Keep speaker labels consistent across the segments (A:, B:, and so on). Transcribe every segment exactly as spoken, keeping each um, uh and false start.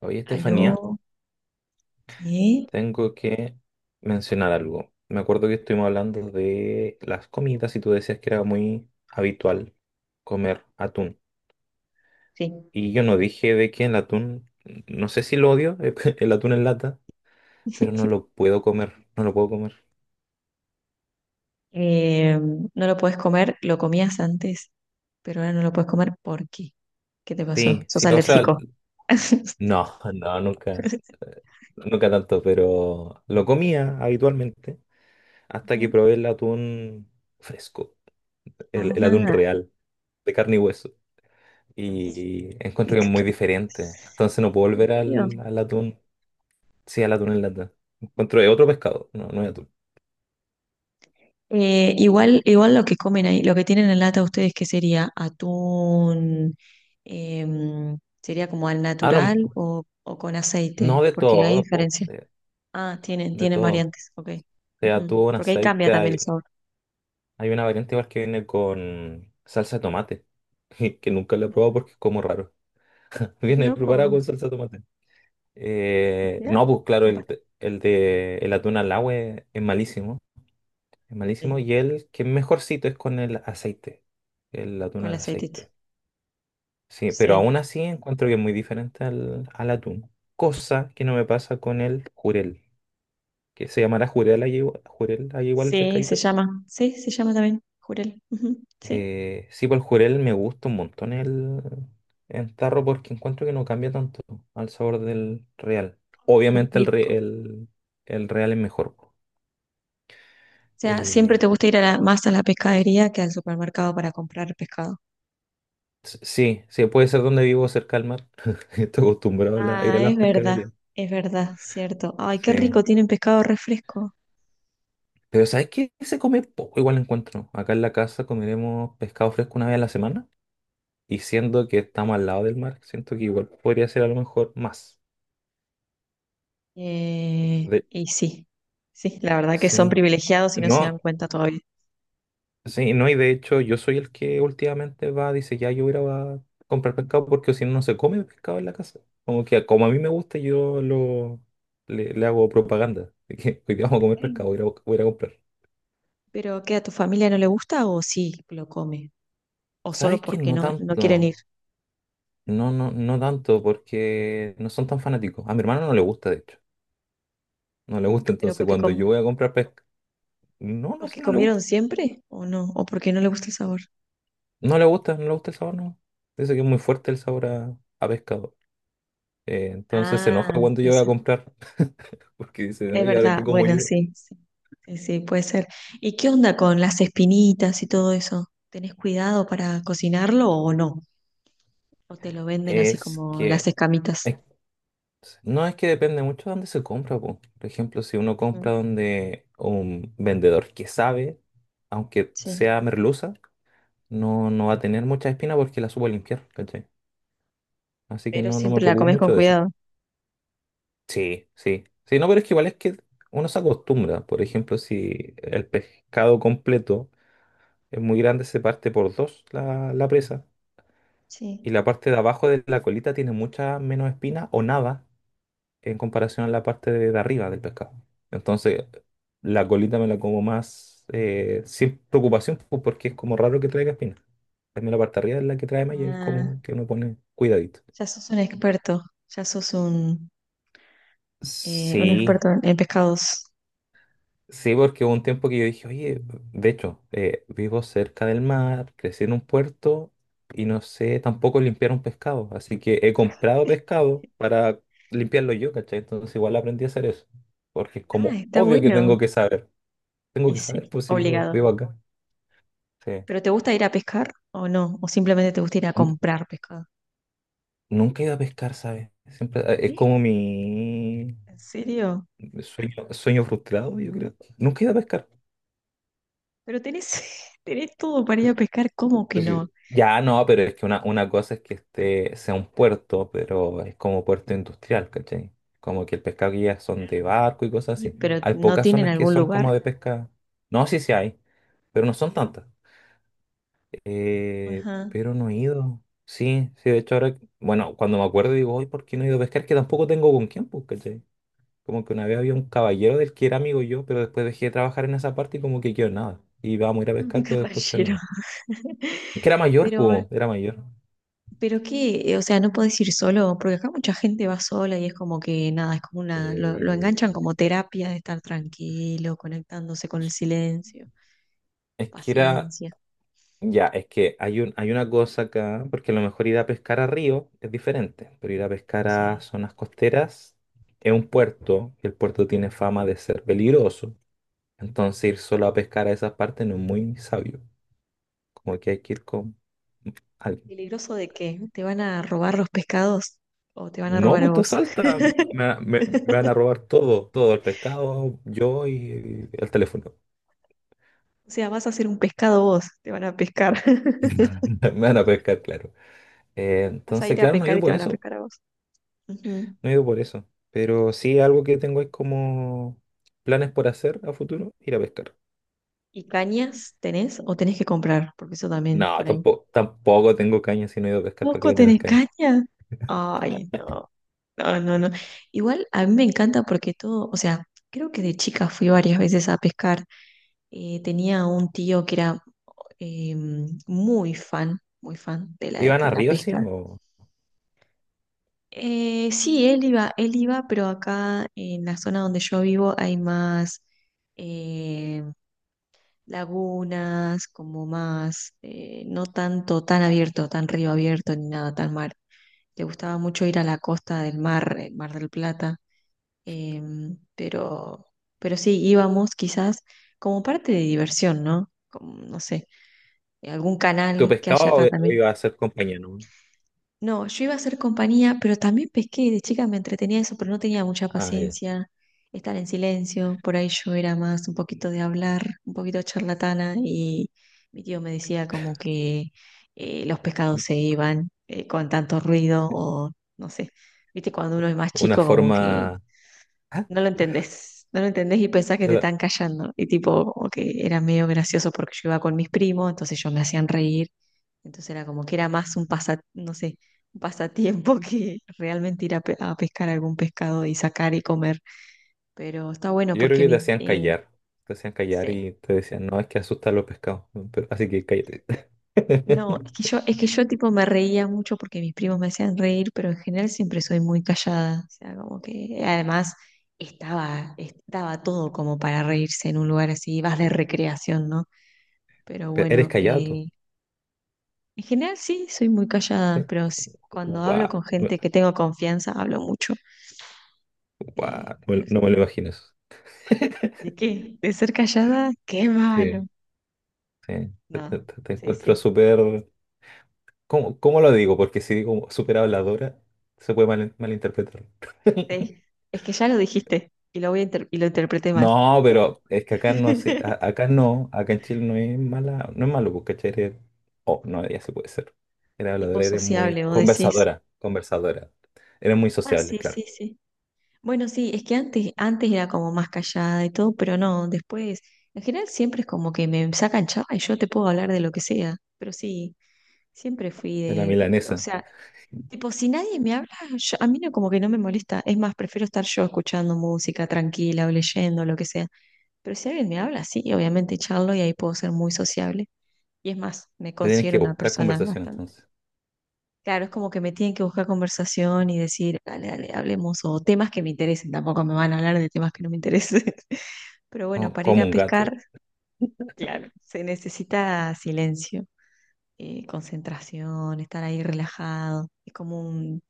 A: Oye, Estefanía,
B: Aló, sí,
A: tengo que mencionar algo. Me acuerdo que estuvimos hablando de las comidas y tú decías que era muy habitual comer atún.
B: sí.
A: Y yo no dije de que el atún, no sé si lo odio, el atún en lata, pero no lo puedo comer, no lo puedo comer.
B: Eh, no lo puedes comer, lo comías antes, pero ahora no lo puedes comer. ¿Por qué? ¿Qué te
A: Sí,
B: pasó? ¿Sos
A: sí, o sea,
B: alérgico?
A: no, no, nunca, nunca tanto, pero lo comía habitualmente hasta que
B: Ujú.
A: probé el atún fresco, el, el atún
B: Ajá.
A: real, de carne y hueso. Y encuentro
B: ¿En
A: que es muy diferente. Entonces no puedo volver
B: serio?
A: al, al atún. Sí, al atún en lata. Encuentro que es otro pescado, no, no es atún.
B: Eh, igual, igual lo que comen ahí, lo que tienen en lata ustedes, ¿qué sería? ¿Atún? Em, ¿sería como al
A: Ah, lo-
B: natural o, o con
A: no
B: aceite?
A: de
B: Porque hay
A: todo, po,
B: diferencia.
A: de,
B: Ah, tienen,
A: de
B: tienen
A: todo.
B: variantes, ok.
A: Sea,
B: Ujú.
A: atún,
B: Porque ahí cambia
A: aceite,
B: también el
A: hay,
B: sabor.
A: hay una variante igual que viene con salsa de tomate, que nunca la he probado porque es como raro.
B: Qué
A: Viene preparado
B: loco,
A: con salsa de tomate. Eh,
B: mirá,
A: no, pues claro, el,
B: capaz.
A: de- el de el atún al agua es, es malísimo, es malísimo,
B: Sí,
A: y el que es mejorcito es con el aceite, el atún
B: con
A: al
B: la aceitita.
A: aceite. Sí, pero
B: Sí,
A: aún así encuentro que es muy diferente al, al atún. Cosa que no me pasa con el jurel, que se llamará jurel ahí igual, jurel ahí igual el
B: sí, se
A: pescadito este.
B: llama. Sí, se llama también, jurel. Ujú. Sí,
A: Eh, sí, por el jurel me gusta un montón el, el tarro porque encuentro que no cambia tanto al sabor del real.
B: qué
A: Obviamente el,
B: rico. O
A: re- el, el real es mejor. Po.
B: sea, siempre te
A: Eh,
B: gusta ir a la más a la pescadería que al supermercado para comprar pescado.
A: s- sí, sí, puede ser donde vivo cerca del mar. Estoy acostumbrado a, la- a ir a
B: Ah,
A: las
B: es verdad,
A: pescaderías.
B: es verdad, cierto. Ay, qué
A: Sí.
B: rico, tienen pescado refresco.
A: Pero ¿sabes qué? Se come poco, igual encuentro. Acá en la casa comeremos pescado fresco una vez a la semana. Y siendo que estamos al lado del mar, siento que igual podría ser a lo mejor más.
B: Eh,
A: De...
B: y sí, sí, la verdad que son
A: Sí.
B: privilegiados y no se
A: No,
B: dan cuenta todavía.
A: sí, no, y de hecho yo soy el que últimamente va, dice, ya yo voy a ir a comprar pescado porque si no, no se come pescado en la casa. Como que como a mí me gusta, yo lo le, le hago propaganda. De que hoy día vamos a comer
B: Mm.
A: pescado, voy a ir a, voy a ir a comprar.
B: Pero ¿qué, a tu familia no le gusta o sí lo come? O
A: ¿Sabes
B: solo
A: qué?
B: porque
A: No
B: no, no quieren ir.
A: tanto. No, no, no tanto, porque no son tan fanáticos. A mi hermano no le gusta, de hecho. No le gusta,
B: Pero
A: entonces
B: porque
A: cuando
B: com-
A: yo voy a comprar pesca. No, no
B: ¿Porque
A: sé, no le gusta.
B: comieron siempre o no? ¿O porque no le gusta el sabor?
A: No le gusta, no le gusta el sabor, no. Dice que es muy fuerte el sabor a, a pescado. Eh, entonces se enoja
B: Ah,
A: cuando
B: puede
A: yo voy a
B: ser.
A: comprar, porque dice,
B: Es
A: ¿y ahora
B: verdad,
A: qué como
B: bueno,
A: yo?
B: sí, sí, sí, sí, puede ser. ¿Y qué onda con las espinitas y todo eso? ¿Tenés cuidado para cocinarlo o no? ¿O te lo venden así
A: Es
B: como las
A: que.
B: escamitas?
A: es- no es que depende mucho de dónde se compra, po. Por ejemplo, si uno
B: Ujú.
A: compra donde un vendedor que sabe, aunque
B: Sí,
A: sea merluza, no, no va a tener mucha espina porque la supo limpiar, ¿cachai? Así que
B: pero
A: no, no me
B: siempre la
A: preocupo
B: comes con
A: mucho de eso.
B: cuidado.
A: Sí, sí. Sí, no, pero es que igual es que uno se acostumbra. Por ejemplo, si el pescado completo es muy grande, se parte por dos la, la presa. Y
B: Sí.
A: la parte de abajo de la colita tiene mucha menos espina o nada en comparación a la parte de, de arriba del pescado. Entonces, la colita me la como más eh, sin preocupación pues, porque es como raro que traiga espina. También la parte de arriba es la que trae malla y es
B: Ah,
A: como que uno pone cuidadito.
B: ya sos un experto, ya sos un, eh, un
A: Sí,
B: experto en en pescados.
A: sí, porque hubo un tiempo que yo dije, oye, de hecho, eh, vivo cerca del mar, crecí en un puerto y no sé tampoco limpiar un pescado. Así que he comprado pescado para limpiarlo yo, ¿cachai? Entonces igual aprendí a hacer eso. Porque es
B: Ah,
A: como
B: está
A: obvio que
B: bueno.
A: tengo que saber. Tengo
B: Y
A: que saber,
B: sí,
A: pues si vivo, vivo
B: obligado.
A: acá. Sí.
B: ¿Pero te gusta ir a pescar o no? ¿O simplemente te gusta ir a
A: N-
B: comprar pescado?
A: Nunca he ido a pescar, ¿sabes? Siempre, eh, es
B: ¿Eh?
A: como mi
B: ¿En serio?
A: sueño, sueño frustrado, yo creo. Nunca he ido a pescar.
B: Pero tenés, tenés todo para ir a pescar, ¿cómo que
A: Sí.
B: no?
A: Ya no, pero es que una, una cosa es que este sea un puerto, pero es como puerto industrial, ¿cachai? Como que el pescado que llega son de barco y cosas
B: Y,
A: así.
B: pero
A: Hay
B: no
A: pocas
B: tienen
A: zonas que
B: algún
A: son
B: lugar.
A: como de pesca. No, sí, sí hay, pero no son tantas. Eh,
B: Ajá.
A: pero no he ido. Sí, sí, de hecho ahora, bueno, cuando me acuerdo digo, hoy, ¿por qué no he ido a pescar? Que tampoco tengo con quién, pues, ¿cachai? Como que una vez había un caballero del que era amigo yo, pero después dejé de trabajar en esa parte y como que quedó nada. Y vamos a ir a
B: Un
A: pescar, pero después quedó
B: caballero.
A: nada. Que era mayor,
B: Pero,
A: pues, era mayor.
B: pero qué, o sea, no podés ir solo, porque acá mucha gente va sola y es como que nada, es como una, lo, lo enganchan
A: Eh,
B: como terapia de estar tranquilo, conectándose con el silencio, con
A: es que era,
B: paciencia.
A: ya, es que hay un, hay una cosa acá, porque a lo mejor ir a pescar a río es diferente, pero ir a pescar a
B: Sí.
A: zonas costeras es un puerto, y el puerto tiene fama de ser peligroso, entonces ir solo a pescar a esas partes no es muy sabio, como que hay que ir con alguien.
B: ¿Peligroso de qué? ¿Te van a robar los pescados o te van a
A: No,
B: robar a
A: pues te
B: vos?
A: asalta, me, me- me van a robar todo, todo el pescado, yo y el teléfono.
B: O sea, vas a ser un pescado vos, te van a pescar.
A: Me van a pescar, claro. Eh,
B: Vas a
A: entonces,
B: ir a
A: claro, no he
B: pescar
A: ido
B: y te
A: por
B: van a
A: eso.
B: pescar a vos. Ujú.
A: No he ido por eso. Pero sí, algo que tengo es como planes por hacer a futuro, ir a pescar.
B: ¿Y cañas tenés o tenés que comprar? Porque eso también
A: No,
B: por ahí.
A: tampoco, tampoco tengo caña si no he ido a pescar, ¿para qué
B: ¿Poco
A: voy a tener
B: tenés
A: caña?
B: caña? Ay, no. No, no, no. Igual a mí me encanta porque todo, o sea, creo que de chica fui varias veces a pescar. Eh, tenía un tío que era eh, muy fan, muy fan de la,
A: ¿Iban
B: de
A: a
B: la
A: río, sí?
B: pesca.
A: ¿O
B: Eh, sí, él iba, él iba, pero acá en la zona donde yo vivo hay más eh, lagunas, como más, eh, no tanto tan abierto, tan río abierto ni nada tan mar. Le gustaba mucho ir a la costa del mar, el Mar del Plata, em, pero, pero sí, íbamos quizás como parte de diversión, ¿no? Como, no sé, algún
A: tú
B: canal que haya
A: pescabas o,
B: acá
A: o
B: también.
A: ibas a ser compañía, no?
B: No, yo iba a hacer compañía, pero también pesqué, de chica me entretenía eso, pero no tenía mucha
A: Ah, ya.
B: paciencia, estar en silencio, por ahí yo era más un poquito de hablar, un poquito charlatana y mi tío me decía como que eh, los pescados se iban eh, con tanto ruido
A: Sí.
B: o no sé, viste, cuando uno es más
A: Una
B: chico como que
A: forma.
B: no lo entendés, no lo entendés y pensás que
A: te
B: te
A: la-
B: están callando y tipo, como que era medio gracioso porque yo iba con mis primos, entonces ellos me hacían reír, entonces era como que era más un pasa, no sé, un pasatiempo que realmente ir a, pe- a pescar algún pescado y sacar y comer. Pero está bueno
A: Yo creo
B: porque
A: que te
B: mi,
A: hacían
B: eh,
A: callar. Te hacían callar
B: sí.
A: y te decían, no, es que asustan los pescados. ¿No? Pero- así que cállate.
B: No, es que yo, es que
A: Tranquila.
B: yo tipo me reía mucho porque mis primos me hacían reír, pero en general siempre soy muy callada. O sea, como que además estaba, estaba todo como para reírse en un lugar así, vas de recreación, ¿no? Pero
A: Pero ¿eres
B: bueno,
A: callado tú?
B: eh, en general sí, soy muy callada, pero s- cuando hablo
A: Wow.
B: con
A: No,
B: gente que tengo confianza, hablo mucho. Eh, pero
A: me no me lo imagino eso.
B: ¿de qué? ¿De ser callada? ¡Qué
A: Sí.
B: malo!
A: Sí, te, te-
B: No,
A: te- te
B: sí,
A: encuentro
B: sí,
A: súper... ¿Cómo, cómo lo digo? Porque si digo súper habladora, se puede mal- malinterpretar.
B: sí. Es que ya lo dijiste y lo voy a inter- y lo interpreté mal.
A: No, pero es que acá no, se- a- acá no, acá en Chile no es mala, no es malo, porque ¿cachai? Eres- oh, no, ya se puede ser. Eres
B: Tipo
A: habladora, eres muy
B: sociable, vos decís.
A: conversadora, conversadora. Eres muy
B: Ah,
A: sociable,
B: sí,
A: claro.
B: sí, sí. Bueno, sí, es que antes, antes era como más callada y todo, pero no, después, en general siempre es como que me sacan chava y yo te puedo hablar de lo que sea. Pero sí, siempre fui
A: Es la
B: de, o
A: milanesa.
B: sea, tipo, si nadie me habla, yo- a mí no, como que no me molesta. Es más, prefiero estar yo escuchando música tranquila o leyendo, lo que sea. Pero si alguien me habla, sí, obviamente charlo y ahí puedo ser muy sociable. Y es más, me
A: Te tienes
B: considero
A: que
B: una
A: buscar
B: persona
A: conversación
B: bastante.
A: entonces.
B: Claro, es como que me tienen que buscar conversación y decir, dale, dale, hablemos, o temas que me interesen, tampoco me van a hablar de temas que no me interesen. Pero bueno,
A: Co-
B: para ir
A: Como
B: a
A: un gato.
B: pescar, claro, se necesita silencio, eh, concentración, estar ahí relajado. Es como un,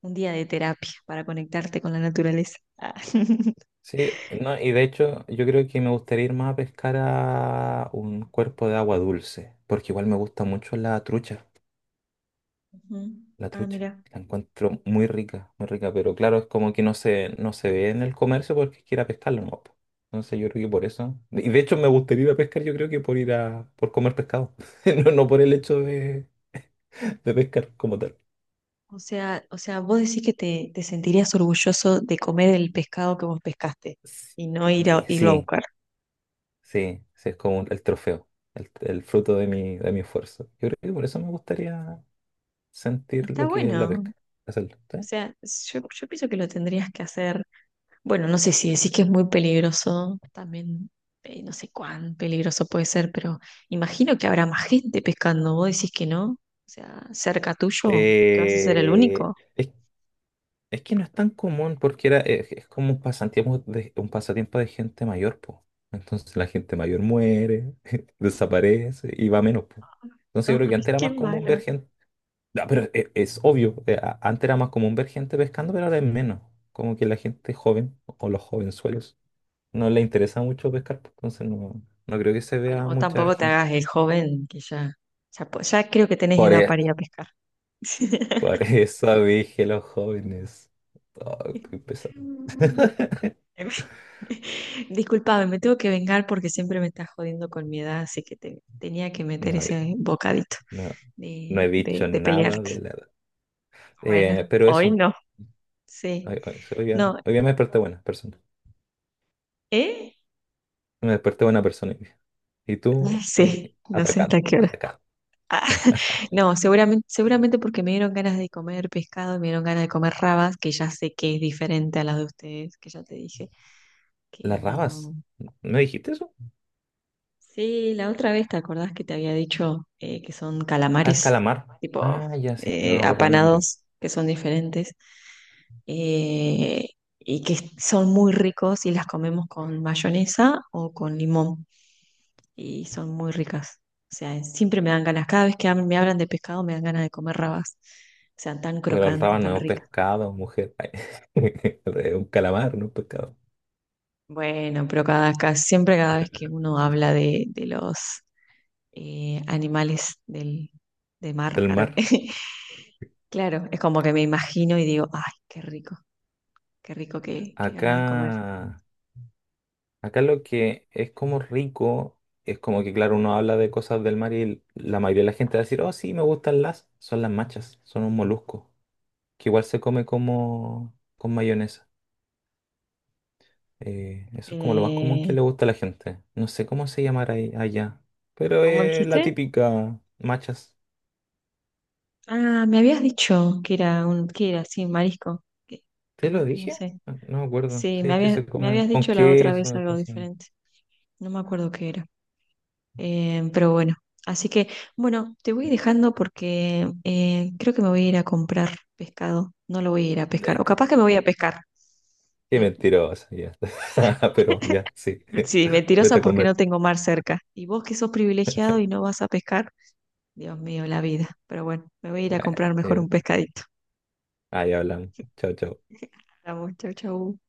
B: un día de terapia para conectarte con la naturaleza. Ah,
A: Sí, no, y de hecho yo creo que me gustaría ir más a pescar a un cuerpo de agua dulce, porque igual me gusta mucho la trucha,
B: Ujú.
A: la
B: Ah,
A: trucha,
B: mira.
A: la encuentro muy rica, muy rica, pero claro, es como que no se, no se ve en el comercio porque quiera pescarlo, ¿no? Po. Entonces yo creo que por eso, y de hecho me gustaría ir a pescar, yo creo que por ir a, por comer pescado, no, no por el hecho de, de pescar como tal.
B: O sea, o sea, vos decís que te, te sentirías orgulloso de comer el pescado que vos pescaste y no ir a,
A: Sí,
B: irlo a
A: sí,
B: buscar.
A: sí, sí, es como el trofeo, el, el fruto de mi, de mi esfuerzo. Yo creo que por eso me gustaría sentir
B: Está
A: lo que es la
B: bueno.
A: pesca, hacerlo.
B: O
A: ¿Sí?
B: sea, yo, yo pienso que lo tendrías que hacer. Bueno, no sé si decís que es muy peligroso, también eh, no sé cuán peligroso puede ser, pero imagino que habrá más gente pescando. Vos decís que no. O sea, cerca tuyo, que vas a ser el
A: Eh,
B: único.
A: es, es que no es tan común porque era, es, es como un pasatiempo de, un pasatiempo de gente mayor, po. Entonces la gente mayor muere, desaparece y va menos, po. Entonces yo
B: No,
A: creo que antes era
B: qué
A: más común ver
B: malo.
A: gente. No, pero e- es, obvio, eh, a- antes era más común ver gente pescando, pero ahora es menos. Como que la gente joven o los jovenzuelos no le interesa mucho pescar, po. Entonces no, no creo que se
B: Bueno,
A: vea
B: o
A: mucha
B: tampoco te
A: gente.
B: hagas el joven, que ya, ya, po- ya creo que tenés
A: Por
B: edad
A: e-
B: para ir a pescar.
A: Por eso dije los jóvenes. Oh, qué pesado.
B: Mm. Disculpame, me tengo que vengar porque siempre me estás jodiendo con mi edad, así que te, tenía que meter
A: No,
B: ese bocadito
A: no, no he
B: de, de,
A: dicho
B: de
A: nada de
B: pelearte.
A: la edad.
B: Bueno,
A: Eh, pero
B: hoy
A: eso,
B: no. Sí.
A: hoy, hoy- hoy día,
B: No,
A: hoy día me desperté buena persona.
B: ¿eh?
A: Me desperté buena persona. Hoy día. Y tú ahí
B: Sí, no sé
A: atacando,
B: hasta qué hora.
A: atacando.
B: No, seguramente, seguramente porque me dieron ganas de comer pescado, me dieron ganas de comer rabas, que ya sé que es diferente a las de ustedes, que ya te dije, que
A: Las rabas,
B: no.
A: ¿me dijiste eso?
B: Sí, la otra vez te acordás que te había dicho eh, que son
A: Al
B: calamares,
A: calamar.
B: tipo
A: Ah, ya sí, no
B: eh,
A: me acuerdo el nombre.
B: apanados, que son diferentes eh, y que son muy ricos y las comemos con mayonesa o con limón y son muy ricas. O sea, siempre me dan ganas, cada vez que hab- me hablan de pescado me dan ganas de comer rabas, o sea, tan
A: Pero el
B: crocante,
A: raba no
B: tan
A: es un
B: ricas.
A: pescado, mujer. Es un calamar, no un pescado.
B: Bueno, pero cada, ca- siempre cada vez que uno habla de, de los eh, animales del, de mar,
A: Del
B: arre,
A: mar.
B: claro, es como que me imagino y digo, ay, qué rico, qué rico, qué, qué gana de comer.
A: Acá. Acá lo que es como rico es como que, claro, uno habla de cosas del mar y la mayoría de la gente va a decir, oh, sí, me gustan las, son las machas, son un molusco, que igual se come como con mayonesa. Eh, eso es como lo más común que
B: Eh,
A: le gusta a la gente. No sé cómo se llamará ahí- allá, pero
B: ¿cómo
A: es la
B: dijiste?
A: típica machas.
B: Ah, me habías dicho que era un, que era, sí, marisco. Que-
A: ¿Te
B: ma-
A: lo
B: no
A: dije?
B: sé.
A: No no me acuerdo.
B: Sí, me
A: Sí, que
B: habías,
A: se
B: me
A: comen
B: habías
A: con
B: dicho la otra vez
A: queso. Y
B: algo
A: cosas.
B: diferente. No me acuerdo qué era. Eh, pero bueno, así que, bueno, te voy dejando porque eh, creo que me voy a ir a comprar pescado. No lo voy a ir a pescar.
A: Eh,
B: O
A: Qué
B: capaz que me voy a pescar.
A: qué mentirosa, ya. Pero ya, sí.
B: Sí, mentirosa
A: Vete a
B: porque
A: comer.
B: no tengo mar cerca. Y vos que sos privilegiado y no vas a pescar, Dios mío, la vida. Pero bueno, me voy a ir a
A: Bueno,
B: comprar mejor
A: eh,
B: un pescadito.
A: ahí hablamos. Chao, chao.
B: Vamos, chau, chau.